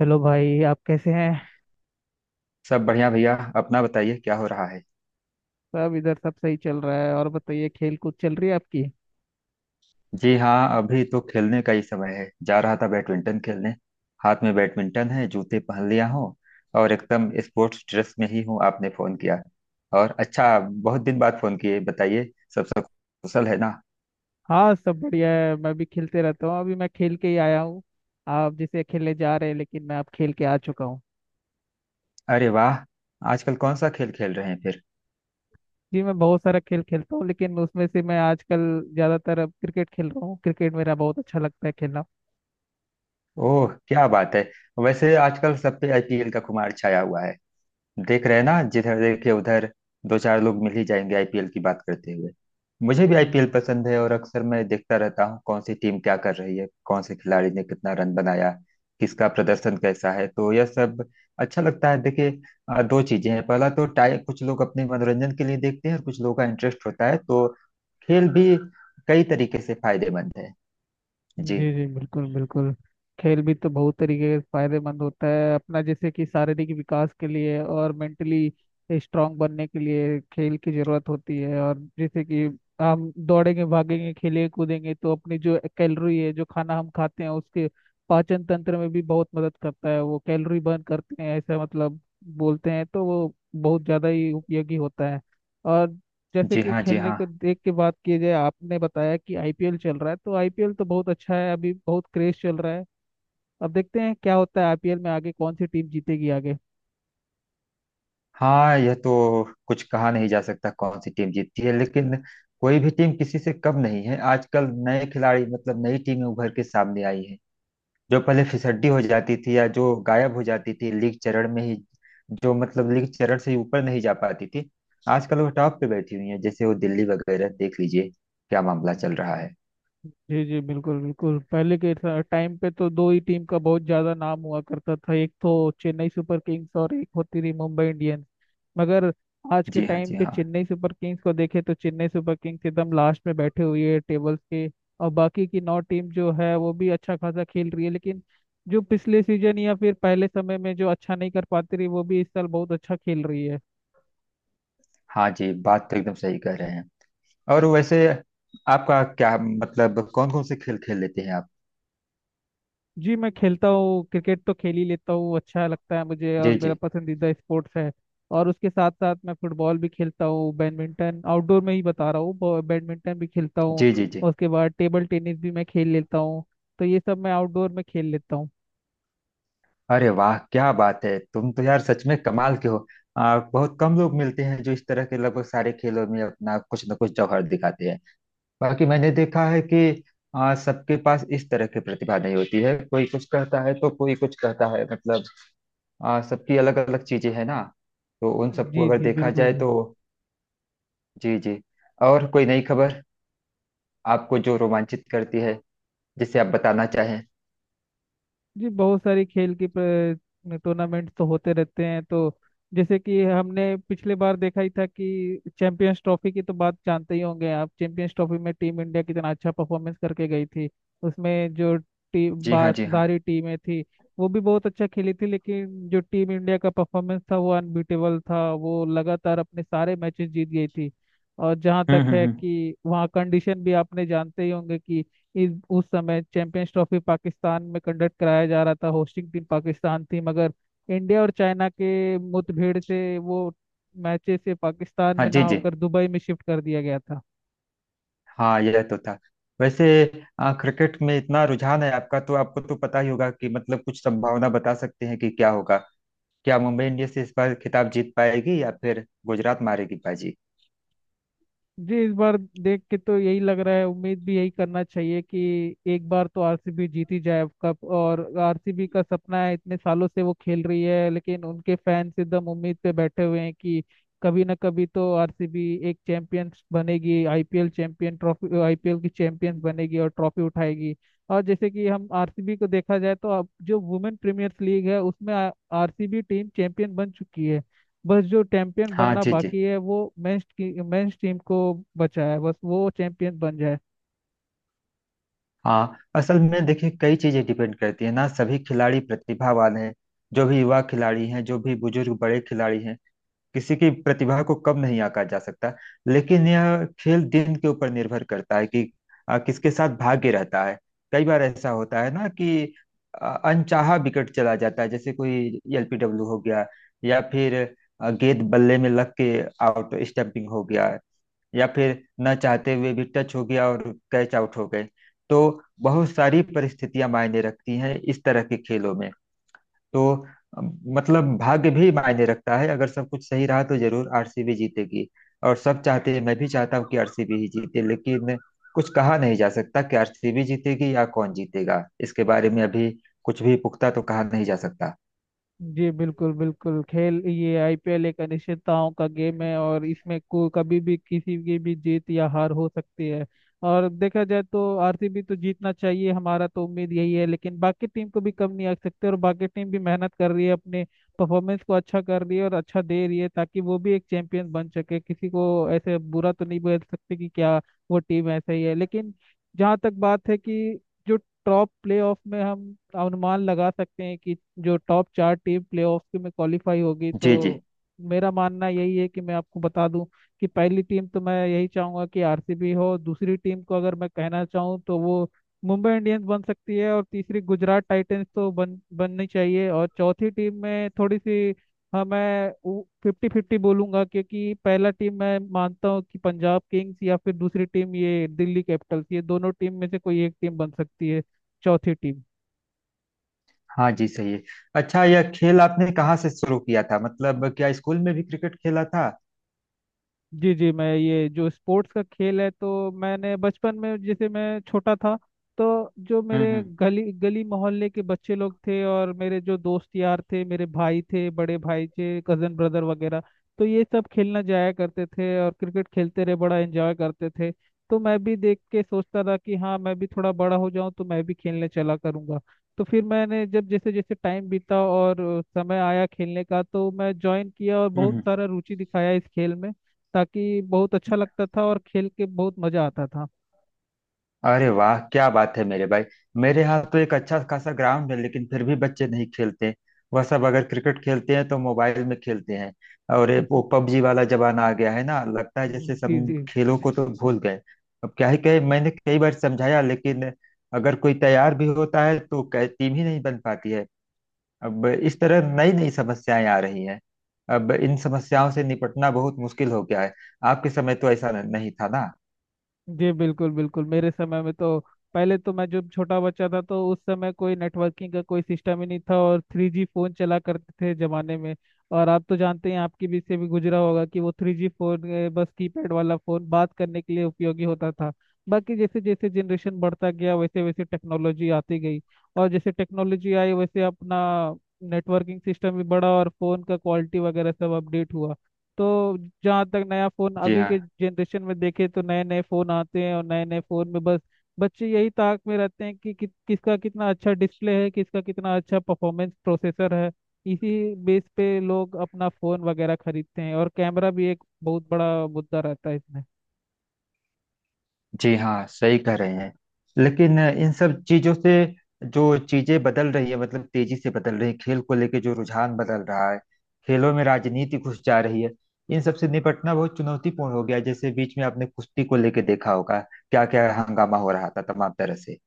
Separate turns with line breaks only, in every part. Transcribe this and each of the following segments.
Hello भाई, आप कैसे हैं।
सब बढ़िया भैया। अपना बताइए, क्या हो रहा है।
सब इधर सब सही चल रहा है। और बताइए, खेल कूद चल रही है आपकी।
जी हाँ, अभी तो खेलने का ही समय है। जा रहा था बैडमिंटन खेलने। हाथ में बैडमिंटन है, जूते पहन लिया हूँ और एकदम स्पोर्ट्स ड्रेस में ही हूँ, आपने फोन किया। और अच्छा, बहुत दिन बाद फोन किए, बताइए। सब सब कुशल है ना।
हाँ, सब बढ़िया है। मैं भी खेलते रहता हूँ। अभी मैं खेल के ही आया हूँ। आप जैसे खेलने जा रहे हैं लेकिन मैं अब खेल के आ चुका हूँ।
अरे वाह। आजकल कौन सा खेल खेल रहे हैं फिर।
जी, मैं बहुत सारा खेल खेलता हूँ लेकिन उसमें से मैं आजकल ज़्यादातर अब क्रिकेट खेल रहा हूँ। क्रिकेट मेरा बहुत अच्छा लगता है खेलना।
ओह क्या बात है। वैसे आजकल सब पे आईपीएल का खुमार छाया हुआ है। देख रहे हैं ना, जिधर देखे उधर दो चार लोग मिल ही जाएंगे आईपीएल की बात करते हुए। मुझे भी आईपीएल पसंद है और अक्सर मैं देखता रहता हूँ कौन सी टीम क्या कर रही है, कौन से खिलाड़ी ने कितना रन बनाया, किसका प्रदर्शन कैसा है। तो यह सब अच्छा लगता है। देखिए, दो चीजें हैं। पहला तो टाइम, कुछ लोग अपने मनोरंजन के लिए देखते हैं और कुछ लोगों का इंटरेस्ट होता है। तो खेल भी कई तरीके से फायदेमंद है। जी।
जी जी, बिल्कुल बिल्कुल। खेल भी तो बहुत तरीके से फायदेमंद होता है अपना, जैसे कि शारीरिक विकास के लिए और मेंटली स्ट्रांग बनने के लिए खेल की जरूरत होती है। और जैसे कि हम दौड़ेंगे, भागेंगे, खेलेंगे, कूदेंगे तो अपनी जो कैलोरी है, जो खाना हम खाते हैं उसके पाचन तंत्र में भी बहुत मदद करता है। वो कैलोरी बर्न करते हैं ऐसा, मतलब बोलते हैं, तो वो बहुत ज़्यादा ही उपयोगी होता है। और जैसे
जी
कि
हाँ, जी
खेलने
हाँ।
को देख के बात की जाए, आपने बताया कि आईपीएल चल रहा है तो आईपीएल तो बहुत अच्छा है, अभी बहुत क्रेज चल रहा है। अब देखते हैं क्या होता है आईपीएल में, आगे कौन सी टीम जीतेगी आगे।
हाँ, यह तो कुछ कहा नहीं जा सकता कौन सी टीम जीतती है, लेकिन कोई भी टीम किसी से कम नहीं है। आजकल नए खिलाड़ी, मतलब नई टीमें उभर के सामने आई हैं, जो पहले फिसड्डी हो जाती थी या जो गायब हो जाती थी लीग चरण में ही, जो मतलब लीग चरण से ही ऊपर नहीं जा पाती थी, आजकल वो टॉप पे बैठी हुई है। जैसे वो दिल्ली वगैरह देख लीजिए, क्या मामला चल रहा है।
जी जी, बिल्कुल बिल्कुल। पहले के टाइम पे तो दो ही टीम का बहुत ज्यादा नाम हुआ करता था, एक तो चेन्नई सुपर किंग्स और एक होती थी मुंबई इंडियंस। मगर आज के
जी हाँ,
टाइम
जी
पे
हाँ।
चेन्नई सुपर किंग्स को देखे तो चेन्नई सुपर किंग्स एकदम लास्ट में बैठे हुए है टेबल्स के। और बाकी की नौ टीम जो है वो भी अच्छा खासा खेल रही है, लेकिन जो पिछले सीजन या फिर पहले समय में जो अच्छा नहीं कर पाती रही, वो भी इस साल बहुत अच्छा खेल रही है।
हाँ जी, बात तो एकदम सही कह रहे हैं। और वैसे, आपका क्या मतलब, कौन कौन से खेल खेल लेते हैं आप।
जी, मैं खेलता हूँ। क्रिकेट तो खेल ही लेता हूँ, अच्छा लगता है मुझे और
जी
मेरा
जी।
पसंदीदा स्पोर्ट्स है। और उसके साथ साथ मैं फुटबॉल भी खेलता हूँ। बैडमिंटन, आउटडोर में ही बता रहा हूँ, बैडमिंटन भी खेलता हूँ।
जी जी जी।
और उसके बाद टेबल टेनिस भी मैं खेल लेता हूँ। तो ये सब मैं आउटडोर में खेल लेता हूँ।
अरे वाह क्या बात है, तुम तो यार सच में कमाल के हो। बहुत कम लोग मिलते हैं जो इस तरह के लगभग सारे खेलों में अपना कुछ न कुछ जौहर दिखाते हैं। बाकी मैंने देखा है कि सबके पास इस तरह की प्रतिभा नहीं होती है। कोई कुछ कहता है तो कोई कुछ कहता है, मतलब सबकी अलग अलग चीजें हैं ना। तो उन सबको
जी
अगर
जी,
देखा
बिल्कुल
जाए तो।
बिल्कुल।
जी जी। और कोई नई खबर आपको जो रोमांचित करती है, जिसे आप बताना चाहें।
जी, बहुत सारी खेल की टूर्नामेंट तो होते रहते हैं तो जैसे कि हमने पिछले बार देखा ही था कि चैंपियंस ट्रॉफी की, तो बात जानते ही होंगे आप। चैंपियंस ट्रॉफी में टीम इंडिया कितना अच्छा परफॉर्मेंस करके गई थी। उसमें जो टीम
जी
बा
हाँ, जी हाँ।
सारी टीमें थी वो भी बहुत अच्छा खेली थी, लेकिन जो टीम इंडिया का परफॉर्मेंस था वो अनबीटेबल था। वो लगातार अपने सारे मैचेस जीत गई थी। और जहाँ तक है
हम्म।
कि वहाँ कंडीशन भी आपने जानते ही होंगे कि इस उस समय चैंपियंस ट्रॉफी पाकिस्तान में कंडक्ट कराया जा रहा था, होस्टिंग टीम पाकिस्तान थी। मगर इंडिया और चाइना के मुठभेड़ से वो मैचेस से पाकिस्तान
हाँ
में
जी
ना
जी।
होकर दुबई में शिफ्ट कर दिया गया था।
हाँ यह तो था। वैसे, क्रिकेट में इतना रुझान है आपका तो आपको तो पता ही होगा कि, मतलब कुछ संभावना बता सकते हैं कि क्या होगा। क्या मुंबई इंडियंस इस बार खिताब जीत पाएगी या फिर गुजरात मारेगी बाजी।
जी, इस बार देख के तो यही लग रहा है, उम्मीद भी यही करना चाहिए कि एक बार तो आरसीबी जीत ही जाए कप। और आरसीबी का सपना है, इतने सालों से वो खेल रही है, लेकिन उनके फैंस एकदम उम्मीद पे बैठे हुए हैं कि कभी ना कभी तो आरसीबी एक चैंपियंस बनेगी, आईपीएल चैंपियन ट्रॉफी, आईपीएल की चैंपियंस बनेगी और ट्रॉफी उठाएगी। और जैसे कि हम आरसीबी को देखा जाए तो अब जो वुमेन प्रीमियर लीग है उसमें आरसीबी टीम चैंपियन बन चुकी है। बस जो चैंपियन
हाँ
बनना
जी जी।
बाकी है वो मेंस टीम को बचा है, बस वो चैंपियन बन जाए।
हाँ असल में देखिए, कई चीजें डिपेंड करती है ना। सभी खिलाड़ी प्रतिभावान हैं, जो भी युवा खिलाड़ी हैं जो भी बुजुर्ग बड़े खिलाड़ी हैं, किसी की प्रतिभा को कब नहीं आंका जा सकता। लेकिन यह खेल दिन के ऊपर निर्भर करता है कि किसके साथ भाग्य रहता है। कई बार ऐसा होता है ना कि अनचाहा विकेट चला जाता है, जैसे कोई एलपीडब्ल्यू हो गया, या फिर गेंद बल्ले में लग के आउट स्टंपिंग हो गया, या फिर न चाहते हुए भी टच हो गया और कैच आउट हो गए। तो बहुत सारी परिस्थितियां मायने रखती हैं इस तरह के खेलों में। तो मतलब भाग्य भी मायने रखता है। अगर सब कुछ सही रहा तो जरूर आरसीबी जीतेगी, और सब चाहते हैं, मैं भी चाहता हूँ कि आरसीबी ही जीते, लेकिन कुछ कहा नहीं जा सकता कि आरसीबी जीतेगी या कौन जीतेगा, इसके बारे में अभी कुछ भी पुख्ता तो कहा नहीं जा सकता।
जी, बिल्कुल बिल्कुल। खेल ये आईपीएल एक अनिश्चितताओं का गेम है और इसमें को कभी भी किसी की भी जीत या हार हो सकती है। और देखा जाए तो आरसीबी तो जीतना चाहिए, हमारा तो उम्मीद यही है, लेकिन बाकी टीम को भी कम नहीं आ सकते और बाकी टीम भी मेहनत कर रही है, अपने परफॉर्मेंस को अच्छा कर रही है और अच्छा दे रही है ताकि वो भी एक चैंपियन बन सके। किसी को ऐसे बुरा तो नहीं बोल सकते कि क्या वो टीम ऐसा ही है, लेकिन जहाँ तक बात है कि जो टॉप प्लेऑफ में हम अनुमान लगा सकते हैं कि जो टॉप चार टीम प्लेऑफ के में क्वालिफाई होगी
जी जी।
तो मेरा मानना यही है, कि मैं आपको बता दूं कि पहली टीम तो मैं यही चाहूंगा कि आरसीबी हो, दूसरी टीम को अगर मैं कहना चाहूँ तो वो मुंबई इंडियंस बन सकती है, और तीसरी गुजरात टाइटंस तो बन बननी चाहिए, और चौथी टीम में थोड़ी सी, हाँ मैं 50-50 बोलूंगा, क्योंकि पहला टीम मैं मानता हूँ कि पंजाब किंग्स या फिर दूसरी टीम ये दिल्ली कैपिटल्स, ये दोनों टीम में से कोई एक टीम बन सकती है चौथी टीम।
हाँ जी सही है। अच्छा, यह खेल आपने कहाँ से शुरू किया था? मतलब क्या स्कूल में भी क्रिकेट खेला था?
जी जी, मैं ये जो स्पोर्ट्स का खेल है तो मैंने बचपन में, जैसे मैं छोटा था, तो जो मेरे
हम्म हम्म
गली गली मोहल्ले के बच्चे लोग थे और मेरे जो दोस्त यार थे, मेरे भाई थे, बड़े भाई थे, कजन ब्रदर वगैरह, तो ये सब खेलना जाया करते थे और क्रिकेट खेलते रहे, बड़ा एंजॉय करते थे। तो मैं भी देख के सोचता था कि हाँ, मैं भी थोड़ा बड़ा हो जाऊं तो मैं भी खेलने चला करूंगा। तो फिर मैंने जब जैसे जैसे टाइम बीता और समय आया खेलने का, तो मैं ज्वाइन किया और बहुत
हम्म।
सारा रुचि दिखाया इस खेल में, ताकि बहुत अच्छा लगता था और खेल के बहुत मजा आता था।
अरे वाह क्या बात है मेरे भाई। मेरे यहाँ तो एक अच्छा खासा ग्राउंड है लेकिन फिर भी बच्चे नहीं खेलते। वह सब अगर क्रिकेट खेलते हैं तो मोबाइल में खेलते हैं। और ये वो पबजी वाला जमाना आ गया है ना, लगता है जैसे सब
जी जी।
खेलों को तो भूल गए। अब क्या ही कहे, मैंने कई बार समझाया लेकिन अगर कोई तैयार भी होता है तो टीम ही नहीं बन पाती है। अब इस तरह नई नई समस्याएं आ रही हैं। अब इन समस्याओं से निपटना बहुत मुश्किल हो गया है। आपके समय तो ऐसा नहीं था ना।
जी, बिल्कुल बिल्कुल। मेरे समय में तो पहले तो मैं जब छोटा बच्चा था, तो उस समय कोई नेटवर्किंग का कोई सिस्टम ही नहीं था और 3G फोन चला करते थे जमाने में। और आप तो जानते हैं, आपके बीच से भी गुजरा होगा कि वो 3G फोन, बस कीपैड वाला फोन बात करने के लिए उपयोगी होता था। बाकी जैसे जैसे जनरेशन बढ़ता गया वैसे वैसे टेक्नोलॉजी आती गई, और जैसे टेक्नोलॉजी आई वैसे अपना नेटवर्किंग सिस्टम भी बढ़ा और फोन का क्वालिटी वगैरह सब अपडेट हुआ। तो जहाँ तक नया फ़ोन
जी
अभी के जनरेशन में देखे तो नए नए फ़ोन आते हैं और नए नए फ़ोन में बस बच्चे यही ताक में रहते हैं कि किसका कितना अच्छा डिस्प्ले है, किसका कितना अच्छा परफॉर्मेंस प्रोसेसर है। इसी बेस पे लोग अपना फ़ोन वगैरह खरीदते हैं और कैमरा भी एक बहुत बड़ा मुद्दा रहता है इसमें।
जी हाँ सही कह रहे हैं। लेकिन इन सब चीजों से जो चीजें बदल रही है, मतलब तेजी से बदल रही है, खेल को लेके जो रुझान बदल रहा है, खेलों में राजनीति घुस जा रही है, इन सब से निपटना बहुत चुनौतीपूर्ण हो गया है। जैसे बीच में आपने कुश्ती को लेके देखा होगा क्या क्या हंगामा हो रहा था तमाम तरह से।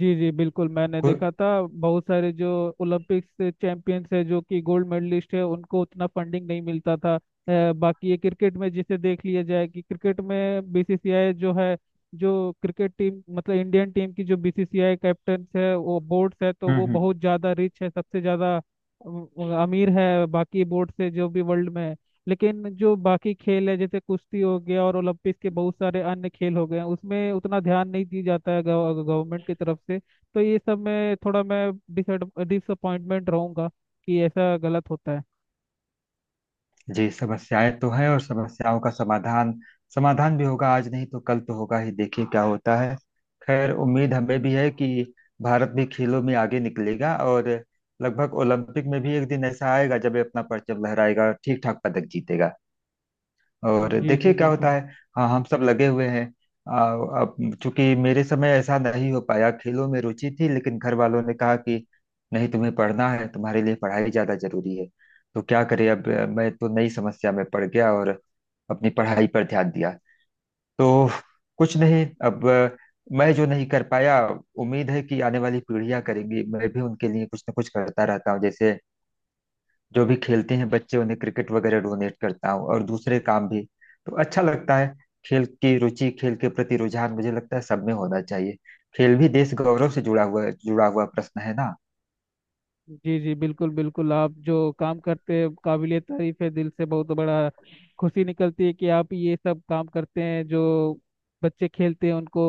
जी जी बिल्कुल, मैंने
कु-
देखा था बहुत सारे जो ओलंपिक्स से चैंपियंस है, जो कि गोल्ड मेडलिस्ट है, उनको उतना फंडिंग नहीं मिलता था। बाकी ये क्रिकेट में जिसे देख लिया जाए कि क्रिकेट में बीसीसीआई जो है, जो क्रिकेट टीम मतलब इंडियन टीम की जो बीसीसीआई कैप्टन है वो बोर्ड्स है, तो वो
हम्म।
बहुत ज़्यादा रिच है, सबसे ज़्यादा अमीर है बाकी बोर्ड से जो भी वर्ल्ड में है। लेकिन जो बाकी खेल है जैसे कुश्ती हो गया और ओलंपिक्स के बहुत सारे अन्य खेल हो गए हैं उसमें उतना ध्यान नहीं दिया जाता है गवर्नमेंट की तरफ से। तो ये सब में थोड़ा मैं डिसअपॉइंटमेंट रहूंगा कि ऐसा गलत होता है।
जी समस्याएं तो हैं, और समस्याओं का समाधान समाधान भी होगा। आज नहीं तो कल तो होगा ही, देखिए क्या होता है। खैर उम्मीद हमें भी है कि भारत भी खेलों में आगे निकलेगा और लगभग ओलंपिक में भी एक दिन ऐसा आएगा जब ये अपना परचम लहराएगा और ठीक ठाक पदक जीतेगा। और
जी जी,
देखिए क्या होता
बिल्कुल।
है। हाँ हम सब लगे हुए हैं। आ, अब, चूंकि मेरे समय ऐसा नहीं हो पाया, खेलों में रुचि थी लेकिन घर वालों ने कहा कि नहीं, तुम्हें पढ़ना है, तुम्हारे लिए पढ़ाई ज्यादा जरूरी है। तो क्या करें, अब मैं तो नई समस्या में पड़ गया और अपनी पढ़ाई पर ध्यान दिया। तो कुछ नहीं, अब मैं जो नहीं कर पाया, उम्मीद है कि आने वाली पीढ़ियां करेंगी। मैं भी उनके लिए कुछ ना कुछ करता रहता हूँ, जैसे जो भी खेलते हैं बच्चे उन्हें क्रिकेट वगैरह डोनेट करता हूँ और दूसरे काम भी। तो अच्छा लगता है। खेल की रुचि, खेल के प्रति रुझान मुझे लगता है सब में होना चाहिए। खेल भी देश गौरव से जुड़ा हुआ प्रश्न है ना।
जी जी, बिल्कुल बिल्कुल। आप जो काम करते हैं, काबिलियत तारीफ है दिल से, बहुत बड़ा खुशी निकलती है कि आप ये सब काम करते हैं। जो बच्चे खेलते हैं उनको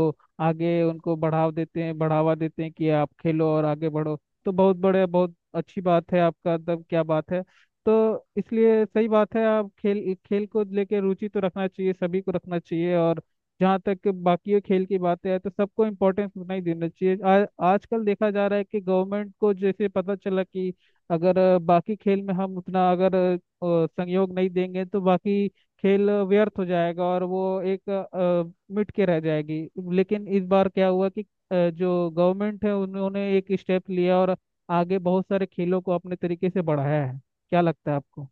आगे, उनको बढ़ाव देते हैं, बढ़ावा देते हैं कि आप खेलो और आगे बढ़ो। तो बहुत बड़े, बहुत अच्छी बात है आपका। तब क्या बात है। तो इसलिए सही बात है, आप खेल, खेल को लेके रुचि तो रखना चाहिए, सभी को रखना चाहिए। और जहाँ तक बाकी खेल की बातें है तो सबको इम्पोर्टेंस उतना ही देना चाहिए। आजकल देखा जा रहा है कि गवर्नमेंट को जैसे पता चला कि अगर बाकी खेल में हम उतना, अगर संयोग नहीं देंगे तो बाकी खेल व्यर्थ हो जाएगा और वो एक मिट के रह जाएगी। लेकिन इस बार क्या हुआ कि जो गवर्नमेंट है उन्होंने एक स्टेप लिया और आगे बहुत सारे खेलों को अपने तरीके से बढ़ाया है। क्या लगता है आपको।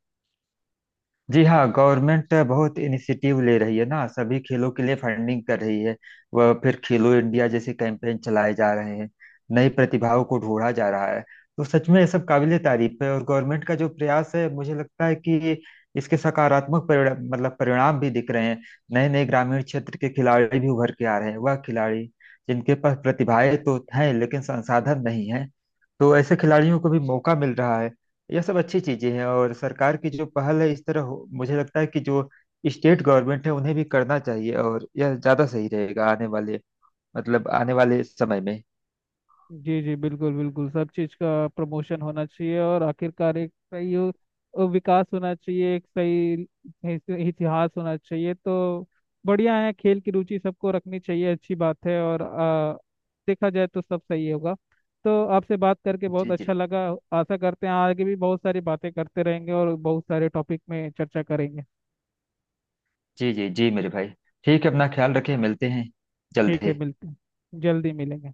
जी हाँ, गवर्नमेंट बहुत इनिशिएटिव ले रही है ना, सभी खेलों के लिए फंडिंग कर रही है। वह फिर खेलो इंडिया जैसे कैंपेन चलाए जा रहे हैं, नई प्रतिभाओं को ढूंढा जा रहा है। तो सच में ये सब काबिले तारीफ है, और गवर्नमेंट का जो प्रयास है मुझे लगता है कि इसके सकारात्मक परिणा मतलब परिणाम भी दिख रहे हैं। नए नए ग्रामीण क्षेत्र के खिलाड़ी भी उभर के आ रहे हैं, वह खिलाड़ी जिनके पास प्रतिभाएं तो हैं लेकिन संसाधन नहीं है। तो ऐसे खिलाड़ियों को भी मौका मिल रहा है। यह सब अच्छी चीजें हैं, और सरकार की जो पहल है इस तरह मुझे लगता है कि जो स्टेट गवर्नमेंट है उन्हें भी करना चाहिए, और यह ज्यादा सही रहेगा आने वाले, आने वाले समय में।
जी जी, बिल्कुल बिल्कुल। सब चीज़ का प्रमोशन होना चाहिए और आखिरकार एक सही विकास होना चाहिए, एक सही इतिहास होना चाहिए तो बढ़िया है। खेल की रुचि सबको रखनी चाहिए, अच्छी बात है। और देखा जाए तो सब सही होगा। तो आपसे बात करके बहुत
जी
अच्छा
जी।
लगा। आशा करते हैं आगे भी बहुत सारी बातें करते रहेंगे और बहुत सारे टॉपिक में चर्चा करेंगे।
जी जी जी मेरे भाई। ठीक है, अपना ख्याल रखें, मिलते हैं
ठीक है,
जल्दी।
मिलते हैं, जल्दी मिलेंगे।